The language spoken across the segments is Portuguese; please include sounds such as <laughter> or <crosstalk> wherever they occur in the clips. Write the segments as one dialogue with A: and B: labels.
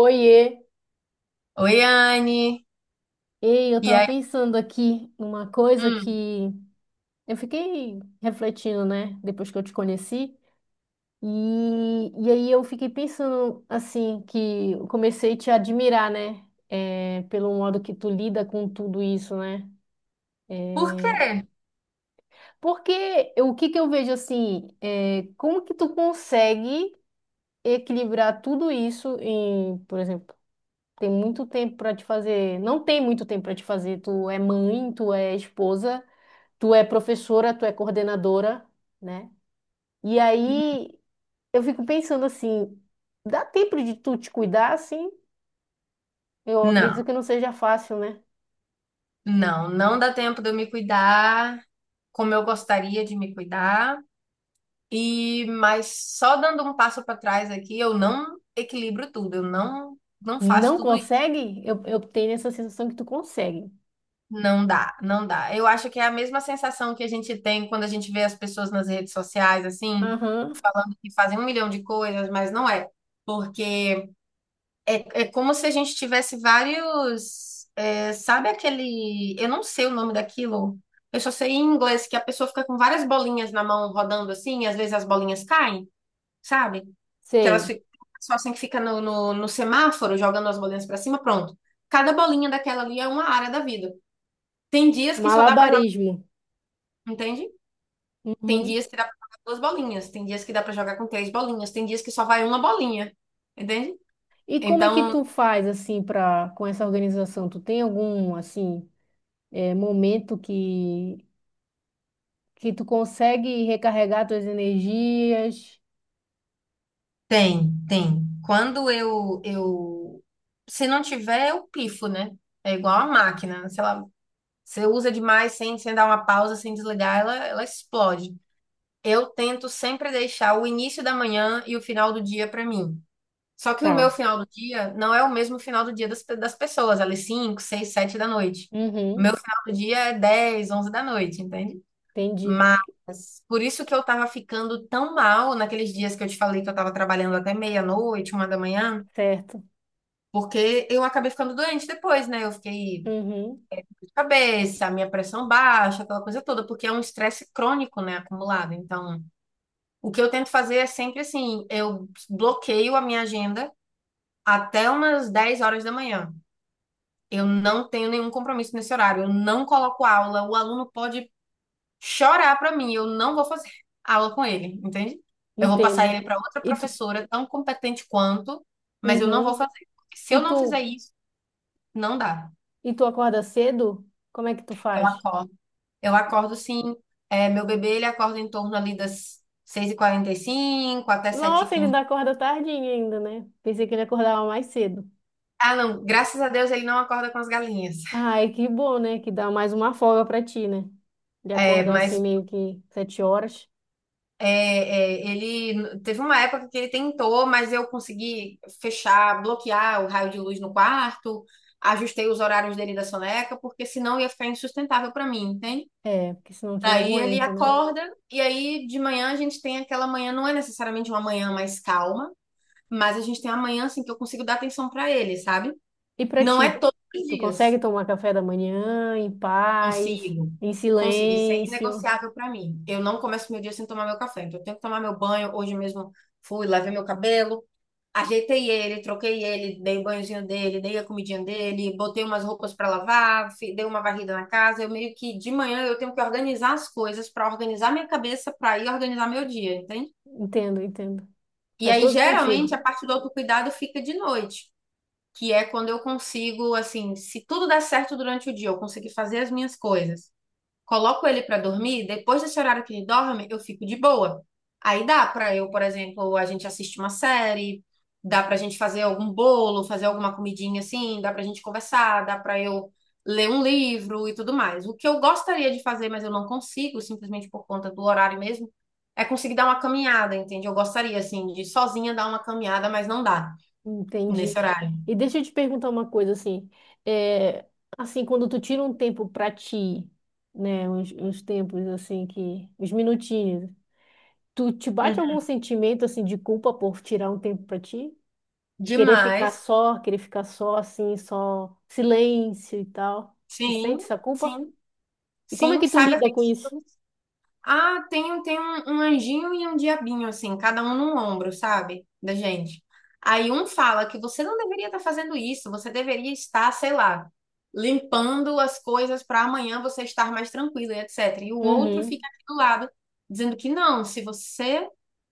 A: Oiê!
B: Oi, Anne.
A: Ei, eu
B: E
A: tava
B: aí?
A: pensando aqui numa coisa
B: Hum,
A: que eu fiquei refletindo, né? Depois que eu te conheci. E aí eu fiquei pensando, assim, que eu comecei a te admirar, né? É, pelo modo que tu lida com tudo isso, né?
B: por
A: É,
B: quê?
A: porque o que que eu vejo, assim, é, como que tu consegue equilibrar tudo isso em, por exemplo, tem muito tempo para te fazer. Não tem muito tempo para te fazer. Tu é mãe, tu é esposa. Tu é professora, tu é coordenadora, né? E aí eu fico pensando assim, dá tempo de tu te cuidar, assim? Eu acredito
B: Não,
A: que não seja fácil, né?
B: não, não dá tempo de eu me cuidar como eu gostaria de me cuidar. E mas só dando um passo para trás aqui, eu não equilibro tudo. Eu não faço
A: Não
B: tudo isso.
A: consegue? Eu tenho essa sensação que tu consegue.
B: Não dá, não dá. Eu acho que é a mesma sensação que a gente tem quando a gente vê as pessoas nas redes sociais assim,
A: Aham,
B: falando que fazem um milhão de coisas, mas não é. Porque é como se a gente tivesse vários. Sabe aquele? Eu não sei o nome daquilo. Eu só sei em inglês que a pessoa fica com várias bolinhas na mão rodando assim, e às vezes as bolinhas caem, sabe? Que elas
A: sei.
B: ficam. Só assim que fica no semáforo, jogando as bolinhas pra cima, pronto. Cada bolinha daquela ali é uma área da vida. Tem dias que só dá pra jogar,
A: Malabarismo.
B: entende? Tem
A: Uhum.
B: dias que dá pra jogar duas bolinhas, tem dias que dá pra jogar com três bolinhas, tem dias que só vai uma bolinha, entende?
A: E como é que
B: Então.
A: tu faz assim para com essa organização? Tu tem algum assim momento que tu consegue recarregar tuas energias?
B: Tem, tem. Quando eu... Se não tiver, eu pifo, né? É igual a máquina, né? Se ela, você usa demais sem dar uma pausa, sem desligar, ela explode. Eu tento sempre deixar o início da manhã e o final do dia para mim. Só que o meu
A: Tá.
B: final do dia não é o mesmo final do dia das pessoas, ali 5, 6, 7 da noite. O
A: Uhum.
B: meu final do dia é 10, 11 da noite, entende?
A: Entendi.
B: Mas por isso que eu tava ficando tão mal naqueles dias que eu te falei que eu tava trabalhando até meia-noite, 1 da manhã,
A: Certo.
B: porque eu acabei ficando doente depois, né? Eu fiquei
A: Uhum.
B: de cabeça, minha pressão baixa, aquela coisa toda, porque é um estresse crônico, né, acumulado. Então, o que eu tento fazer é sempre assim: eu bloqueio a minha agenda até umas 10 horas da manhã. Eu não tenho nenhum compromisso nesse horário, eu não coloco aula, o aluno pode chorar pra mim, eu não vou fazer aula com ele, entende? Eu vou passar
A: Entendo.
B: ele pra outra
A: E tu,
B: professora, tão competente quanto, mas eu não vou
A: uhum.
B: fazer. Porque se eu
A: E
B: não fizer
A: tu,
B: isso, não dá.
A: e tu acorda cedo? Como é que tu
B: Eu
A: faz?
B: acordo. Eu acordo, sim. Meu bebê, ele acorda em torno ali das 6h45 até
A: Nossa, ele
B: 7h15.
A: ainda acorda tardinho ainda, né? Pensei que ele acordava mais cedo.
B: Ah, não, graças a Deus ele não acorda com as galinhas.
A: Ai, que bom, né? Que dá mais uma folga pra ti, né? Ele
B: É,
A: acordar assim
B: mas
A: meio que 7 horas.
B: É, é, ele teve uma época que ele tentou, mas eu consegui fechar, bloquear o raio de luz no quarto, ajustei os horários dele da soneca, porque senão ia ficar insustentável para mim, entende?
A: É, porque senão tu não
B: Daí ele
A: aguenta, né?
B: acorda, e aí de manhã a gente tem aquela manhã, não é necessariamente uma manhã mais calma, mas a gente tem uma manhã assim que eu consigo dar atenção para ele, sabe?
A: E pra
B: Não
A: ti,
B: é todos os
A: tu
B: dias.
A: consegue tomar café da manhã em paz,
B: Consigo.
A: em
B: Consigo. Isso é
A: silêncio?
B: inegociável para mim. Eu não começo meu dia sem tomar meu café. Então, eu tenho que tomar meu banho. Hoje mesmo fui, lavei meu cabelo, ajeitei ele, troquei ele, dei o banhozinho dele, dei a comidinha dele, botei umas roupas para lavar, dei uma varrida na casa. Eu meio que de manhã eu tenho que organizar as coisas para organizar minha cabeça para ir organizar meu dia, entende?
A: Entendo, entendo.
B: E
A: Faz
B: aí,
A: todo
B: geralmente,
A: sentido.
B: a parte do autocuidado fica de noite, que é quando eu consigo, assim, se tudo der certo durante o dia, eu conseguir fazer as minhas coisas, coloco ele pra dormir, depois desse horário que ele dorme, eu fico de boa. Aí dá pra eu, por exemplo, a gente assiste uma série, dá pra gente fazer algum bolo, fazer alguma comidinha assim, dá pra gente conversar, dá pra eu ler um livro e tudo mais. O que eu gostaria de fazer, mas eu não consigo, simplesmente por conta do horário mesmo, é conseguir dar uma caminhada, entende? Eu gostaria, assim, de sozinha dar uma caminhada, mas não dá
A: Entendi.
B: nesse horário.
A: E deixa eu te perguntar uma coisa assim, é, assim quando tu tira um tempo pra ti, né, uns tempos assim que, uns minutinhos, tu te bate
B: Uhum.
A: algum sentimento assim de culpa por tirar um tempo pra ti?
B: Demais.
A: Querer ficar só assim, só silêncio e tal. Tu
B: Sim,
A: sente essa culpa?
B: sim,
A: E como é
B: sim,
A: que tu
B: saiba
A: lida com isso?
B: Ah, tem um anjinho e um diabinho, assim, cada um num ombro, sabe? Da gente. Aí um fala que você não deveria estar fazendo isso, você deveria estar, sei lá, limpando as coisas para amanhã você estar mais tranquilo e etc. E o outro
A: Uhum,
B: fica aqui do lado, dizendo que não, se você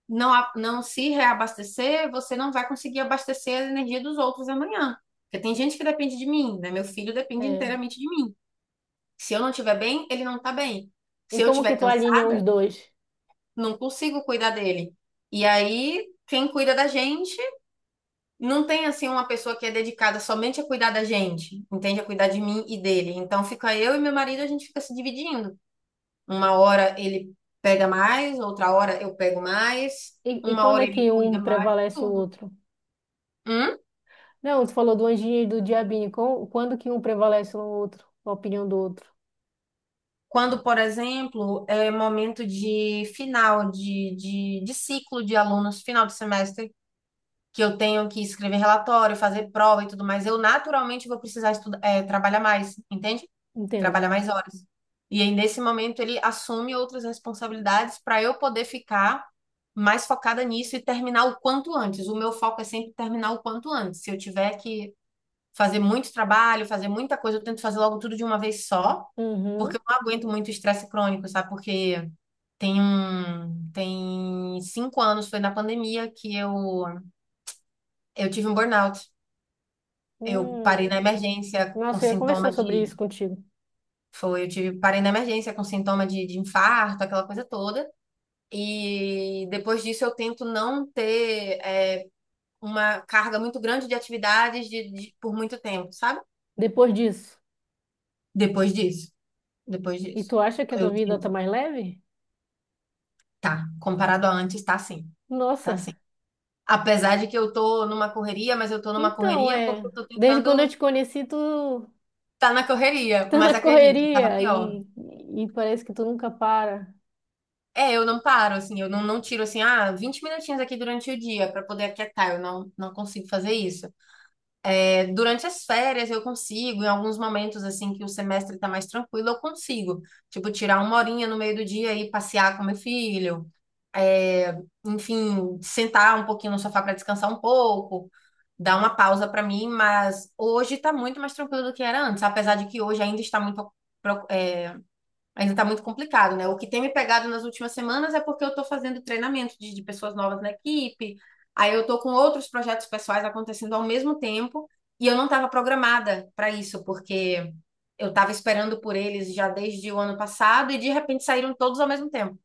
B: não se reabastecer, você não vai conseguir abastecer a energia dos outros amanhã. Porque tem gente que depende de mim, né? Meu filho depende
A: é.
B: inteiramente de mim. Se eu não estiver bem, ele não está bem.
A: E
B: Se eu
A: como que
B: estiver
A: tu alinha os
B: cansada,
A: dois?
B: não consigo cuidar dele. E aí, quem cuida da gente? Não tem assim uma pessoa que é dedicada somente a cuidar da gente, entende? A cuidar de mim e dele. Então fica eu e meu marido, a gente fica se dividindo. Uma hora ele pega mais, outra hora eu pego mais,
A: E
B: uma
A: quando
B: hora
A: é
B: ele
A: que
B: cuida
A: um
B: mais,
A: prevalece o
B: tudo.
A: outro?
B: Hum?
A: Não, tu falou do anjinho e do diabinho. Quando que um prevalece no outro, na opinião do outro?
B: Quando, por exemplo, é momento de final de ciclo de alunos, final de semestre, que eu tenho que escrever relatório, fazer prova e tudo mais, eu naturalmente vou precisar estudar, trabalhar mais, entende?
A: Entendo.
B: Trabalhar mais horas. E aí, nesse momento, ele assume outras responsabilidades para eu poder ficar mais focada nisso e terminar o quanto antes. O meu foco é sempre terminar o quanto antes. Se eu tiver que fazer muito trabalho, fazer muita coisa, eu tento fazer logo tudo de uma vez só, porque
A: Uhum.
B: eu não aguento muito estresse crônico, sabe? Porque tem um, tem 5 anos, foi na pandemia que eu tive um burnout. Eu parei na
A: Hum.
B: emergência com
A: Nossa, eu ia conversar
B: sintoma
A: sobre
B: de.
A: isso contigo.
B: Foi, eu tive, parei na emergência com sintoma de infarto, aquela coisa toda. E depois disso eu tento não ter uma carga muito grande de atividades por muito tempo, sabe?
A: Depois disso.
B: Depois disso. Depois
A: E
B: disso.
A: tu acha que a tua
B: Eu
A: vida tá
B: tento.
A: mais leve?
B: Tá. Comparado a antes, tá sim. Tá sim.
A: Nossa.
B: Apesar de que eu tô numa correria, mas eu tô numa
A: Então,
B: correria porque
A: é.
B: eu tô
A: Desde quando eu
B: tentando
A: te conheci, tu
B: estar tá na correria.
A: tá na
B: Mas acredite, tava
A: correria
B: pior.
A: e parece que tu nunca para.
B: É, eu não paro, assim, eu não tiro, assim, ah, 20 minutinhos aqui durante o dia para poder aquietar, eu não consigo fazer isso. É, durante as férias eu consigo, em alguns momentos, assim, que o semestre tá mais tranquilo, eu consigo. Tipo, tirar uma horinha no meio do dia e passear com meu filho, enfim, sentar um pouquinho no sofá para descansar um pouco, dar uma pausa para mim, mas hoje tá muito mais tranquilo do que era antes, apesar de que hoje ainda está muito... Ainda tá muito complicado, né? O que tem me pegado nas últimas semanas é porque eu tô fazendo treinamento de pessoas novas na equipe, aí eu tô com outros projetos pessoais acontecendo ao mesmo tempo, e eu não estava programada para isso, porque eu estava esperando por eles já desde o ano passado e de repente saíram todos ao mesmo tempo.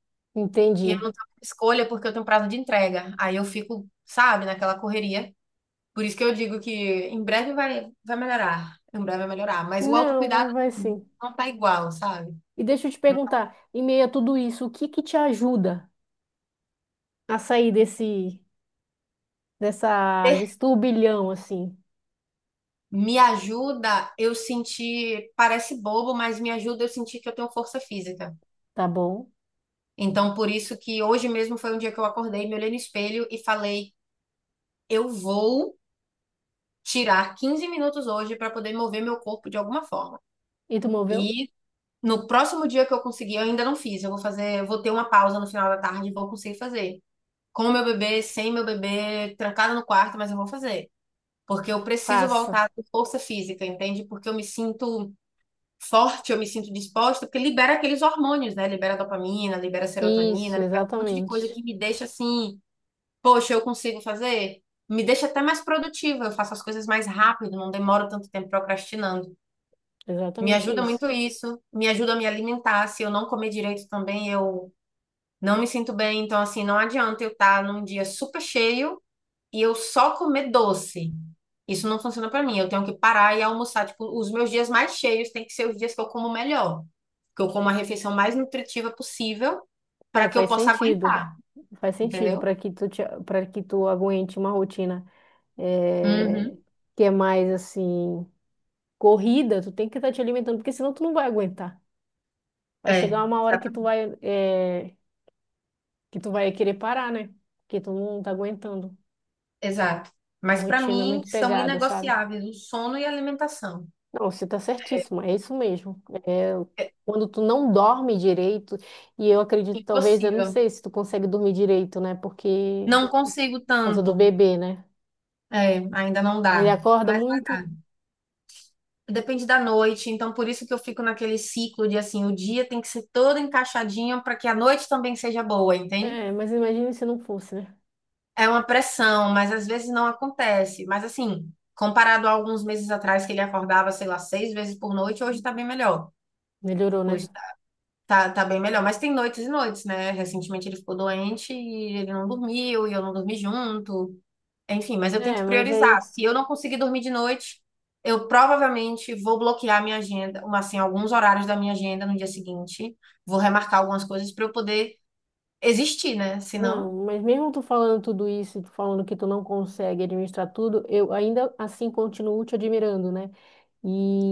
B: E eu
A: Entendi.
B: não tava com escolha porque eu tenho prazo de entrega. Aí eu fico, sabe, naquela correria. Por isso que eu digo que em breve vai melhorar. Em breve vai melhorar. Mas o
A: Não,
B: autocuidado
A: mas vai sim.
B: não tá igual, sabe?
A: E deixa eu te perguntar, em meio a tudo isso, o que que te ajuda a sair desse turbilhão assim,
B: Me ajuda eu sentir, parece bobo, mas me ajuda eu sentir que eu tenho força física.
A: tá bom?
B: Então, por isso que hoje mesmo foi um dia que eu acordei, me olhei no espelho e falei: eu vou tirar 15 minutos hoje para poder mover meu corpo de alguma forma.
A: E tu moveu?
B: E no próximo dia que eu conseguir, eu ainda não fiz, eu vou fazer, eu vou ter uma pausa no final da tarde e vou conseguir fazer. Com meu bebê, sem meu bebê, trancada no quarto, mas eu vou fazer. Porque eu preciso
A: Faça.
B: voltar com força física, entende? Porque eu me sinto forte, eu me sinto disposta, porque libera aqueles hormônios, né? Libera dopamina, libera serotonina,
A: Isso,
B: libera um monte de coisa
A: exatamente.
B: que me deixa assim, poxa, eu consigo fazer. Me deixa até mais produtiva, eu faço as coisas mais rápido, não demoro tanto tempo procrastinando. Me
A: Exatamente
B: ajuda
A: isso.
B: muito isso, me ajuda a me alimentar. Se eu não comer direito também, eu não me sinto bem. Então, assim, não adianta eu estar num dia super cheio e eu só comer doce. Isso não funciona pra mim. Eu tenho que parar e almoçar. Tipo, os meus dias mais cheios têm que ser os dias que eu como melhor. Que eu como a refeição mais nutritiva possível para
A: É,
B: que eu
A: faz
B: possa
A: sentido.
B: aguentar,
A: Faz sentido
B: entendeu?
A: para que tu te, para que tu aguente uma rotina é,
B: Uhum.
A: que é mais assim corrida, tu tem que estar te alimentando, porque senão tu não vai aguentar. Vai
B: É.
A: chegar uma hora
B: Dá pra...
A: que tu vai querer parar, né? Porque tu não tá aguentando.
B: Exato.
A: A
B: Mas pra
A: rotina é
B: mim
A: muito
B: são
A: pegada, sabe?
B: inegociáveis o sono e a alimentação.
A: Não, você tá
B: É
A: certíssima, é isso mesmo. É,
B: é
A: quando tu não dorme direito, e eu acredito, talvez, eu não
B: impossível.
A: sei se tu consegue dormir direito, né? Porque,
B: Não consigo
A: por causa do
B: tanto.
A: bebê, né?
B: É, ainda não
A: Ele
B: dá.
A: acorda
B: Mas
A: muito.
B: vai... Depende da noite, então por isso que eu fico naquele ciclo de assim, o dia tem que ser todo encaixadinho para que a noite também seja boa, entende?
A: É, mas imagine se não fosse, né?
B: É uma pressão, mas às vezes não acontece. Mas assim, comparado a alguns meses atrás que ele acordava, sei lá, 6 vezes por noite, hoje tá bem melhor.
A: Melhorou,
B: Hoje
A: né?
B: tá bem melhor, mas tem noites e noites, né? Recentemente ele ficou doente e ele não dormiu, e eu não dormi junto. Enfim, mas eu
A: É,
B: tento
A: mas
B: priorizar.
A: aí.
B: Se eu não conseguir dormir de noite, eu provavelmente vou bloquear minha agenda, uma, assim, alguns horários da minha agenda no dia seguinte. Vou remarcar algumas coisas para eu poder existir, né?
A: Não,
B: Senão...
A: mas mesmo tu falando tudo isso, tu falando que tu não consegue administrar tudo, eu ainda assim continuo te admirando, né?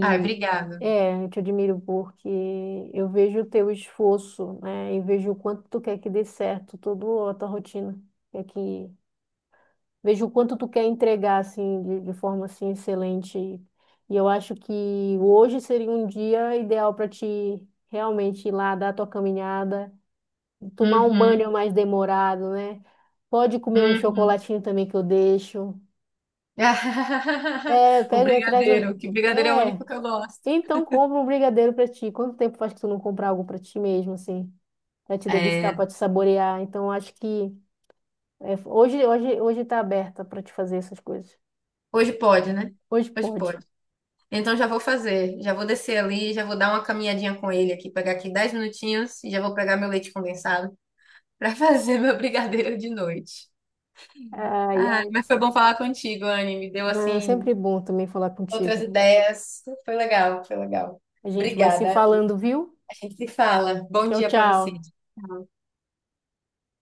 B: Ai, obrigada.
A: eu te admiro porque eu vejo o teu esforço, né? E vejo o quanto tu quer que dê certo toda a tua rotina. É que vejo o quanto tu quer entregar assim de, forma assim excelente. E eu acho que hoje seria um dia ideal para ti realmente ir lá dar a tua caminhada, tomar um
B: Uhum,
A: banho mais demorado, né? Pode comer um
B: uhum.
A: chocolatinho também que eu deixo.
B: <laughs>
A: É,
B: O
A: pega, traz um.
B: brigadeiro, que brigadeiro é o
A: É.
B: único que eu gosto.
A: Então, compra um brigadeiro pra ti. Quanto tempo faz que tu não compra algo pra ti mesmo, assim? Pra te degustar,
B: É,
A: pra te saborear. Então, acho que hoje, hoje, hoje tá aberta pra te fazer essas coisas.
B: hoje pode, né?
A: Hoje
B: Hoje
A: pode.
B: pode. Então já vou fazer, já vou descer ali, já vou dar uma caminhadinha com ele aqui, pegar aqui 10 minutinhos e já vou pegar meu leite condensado para fazer meu brigadeiro de noite.
A: Ai,
B: Ah,
A: ai.
B: mas foi bom falar contigo, Anne. Me deu
A: É
B: assim
A: sempre bom também falar
B: outras
A: contigo.
B: ideias. Foi legal, foi legal.
A: A gente vai se
B: Obrigada.
A: falando, viu?
B: A gente se fala. Bom
A: Tchau,
B: dia para você.
A: tchau.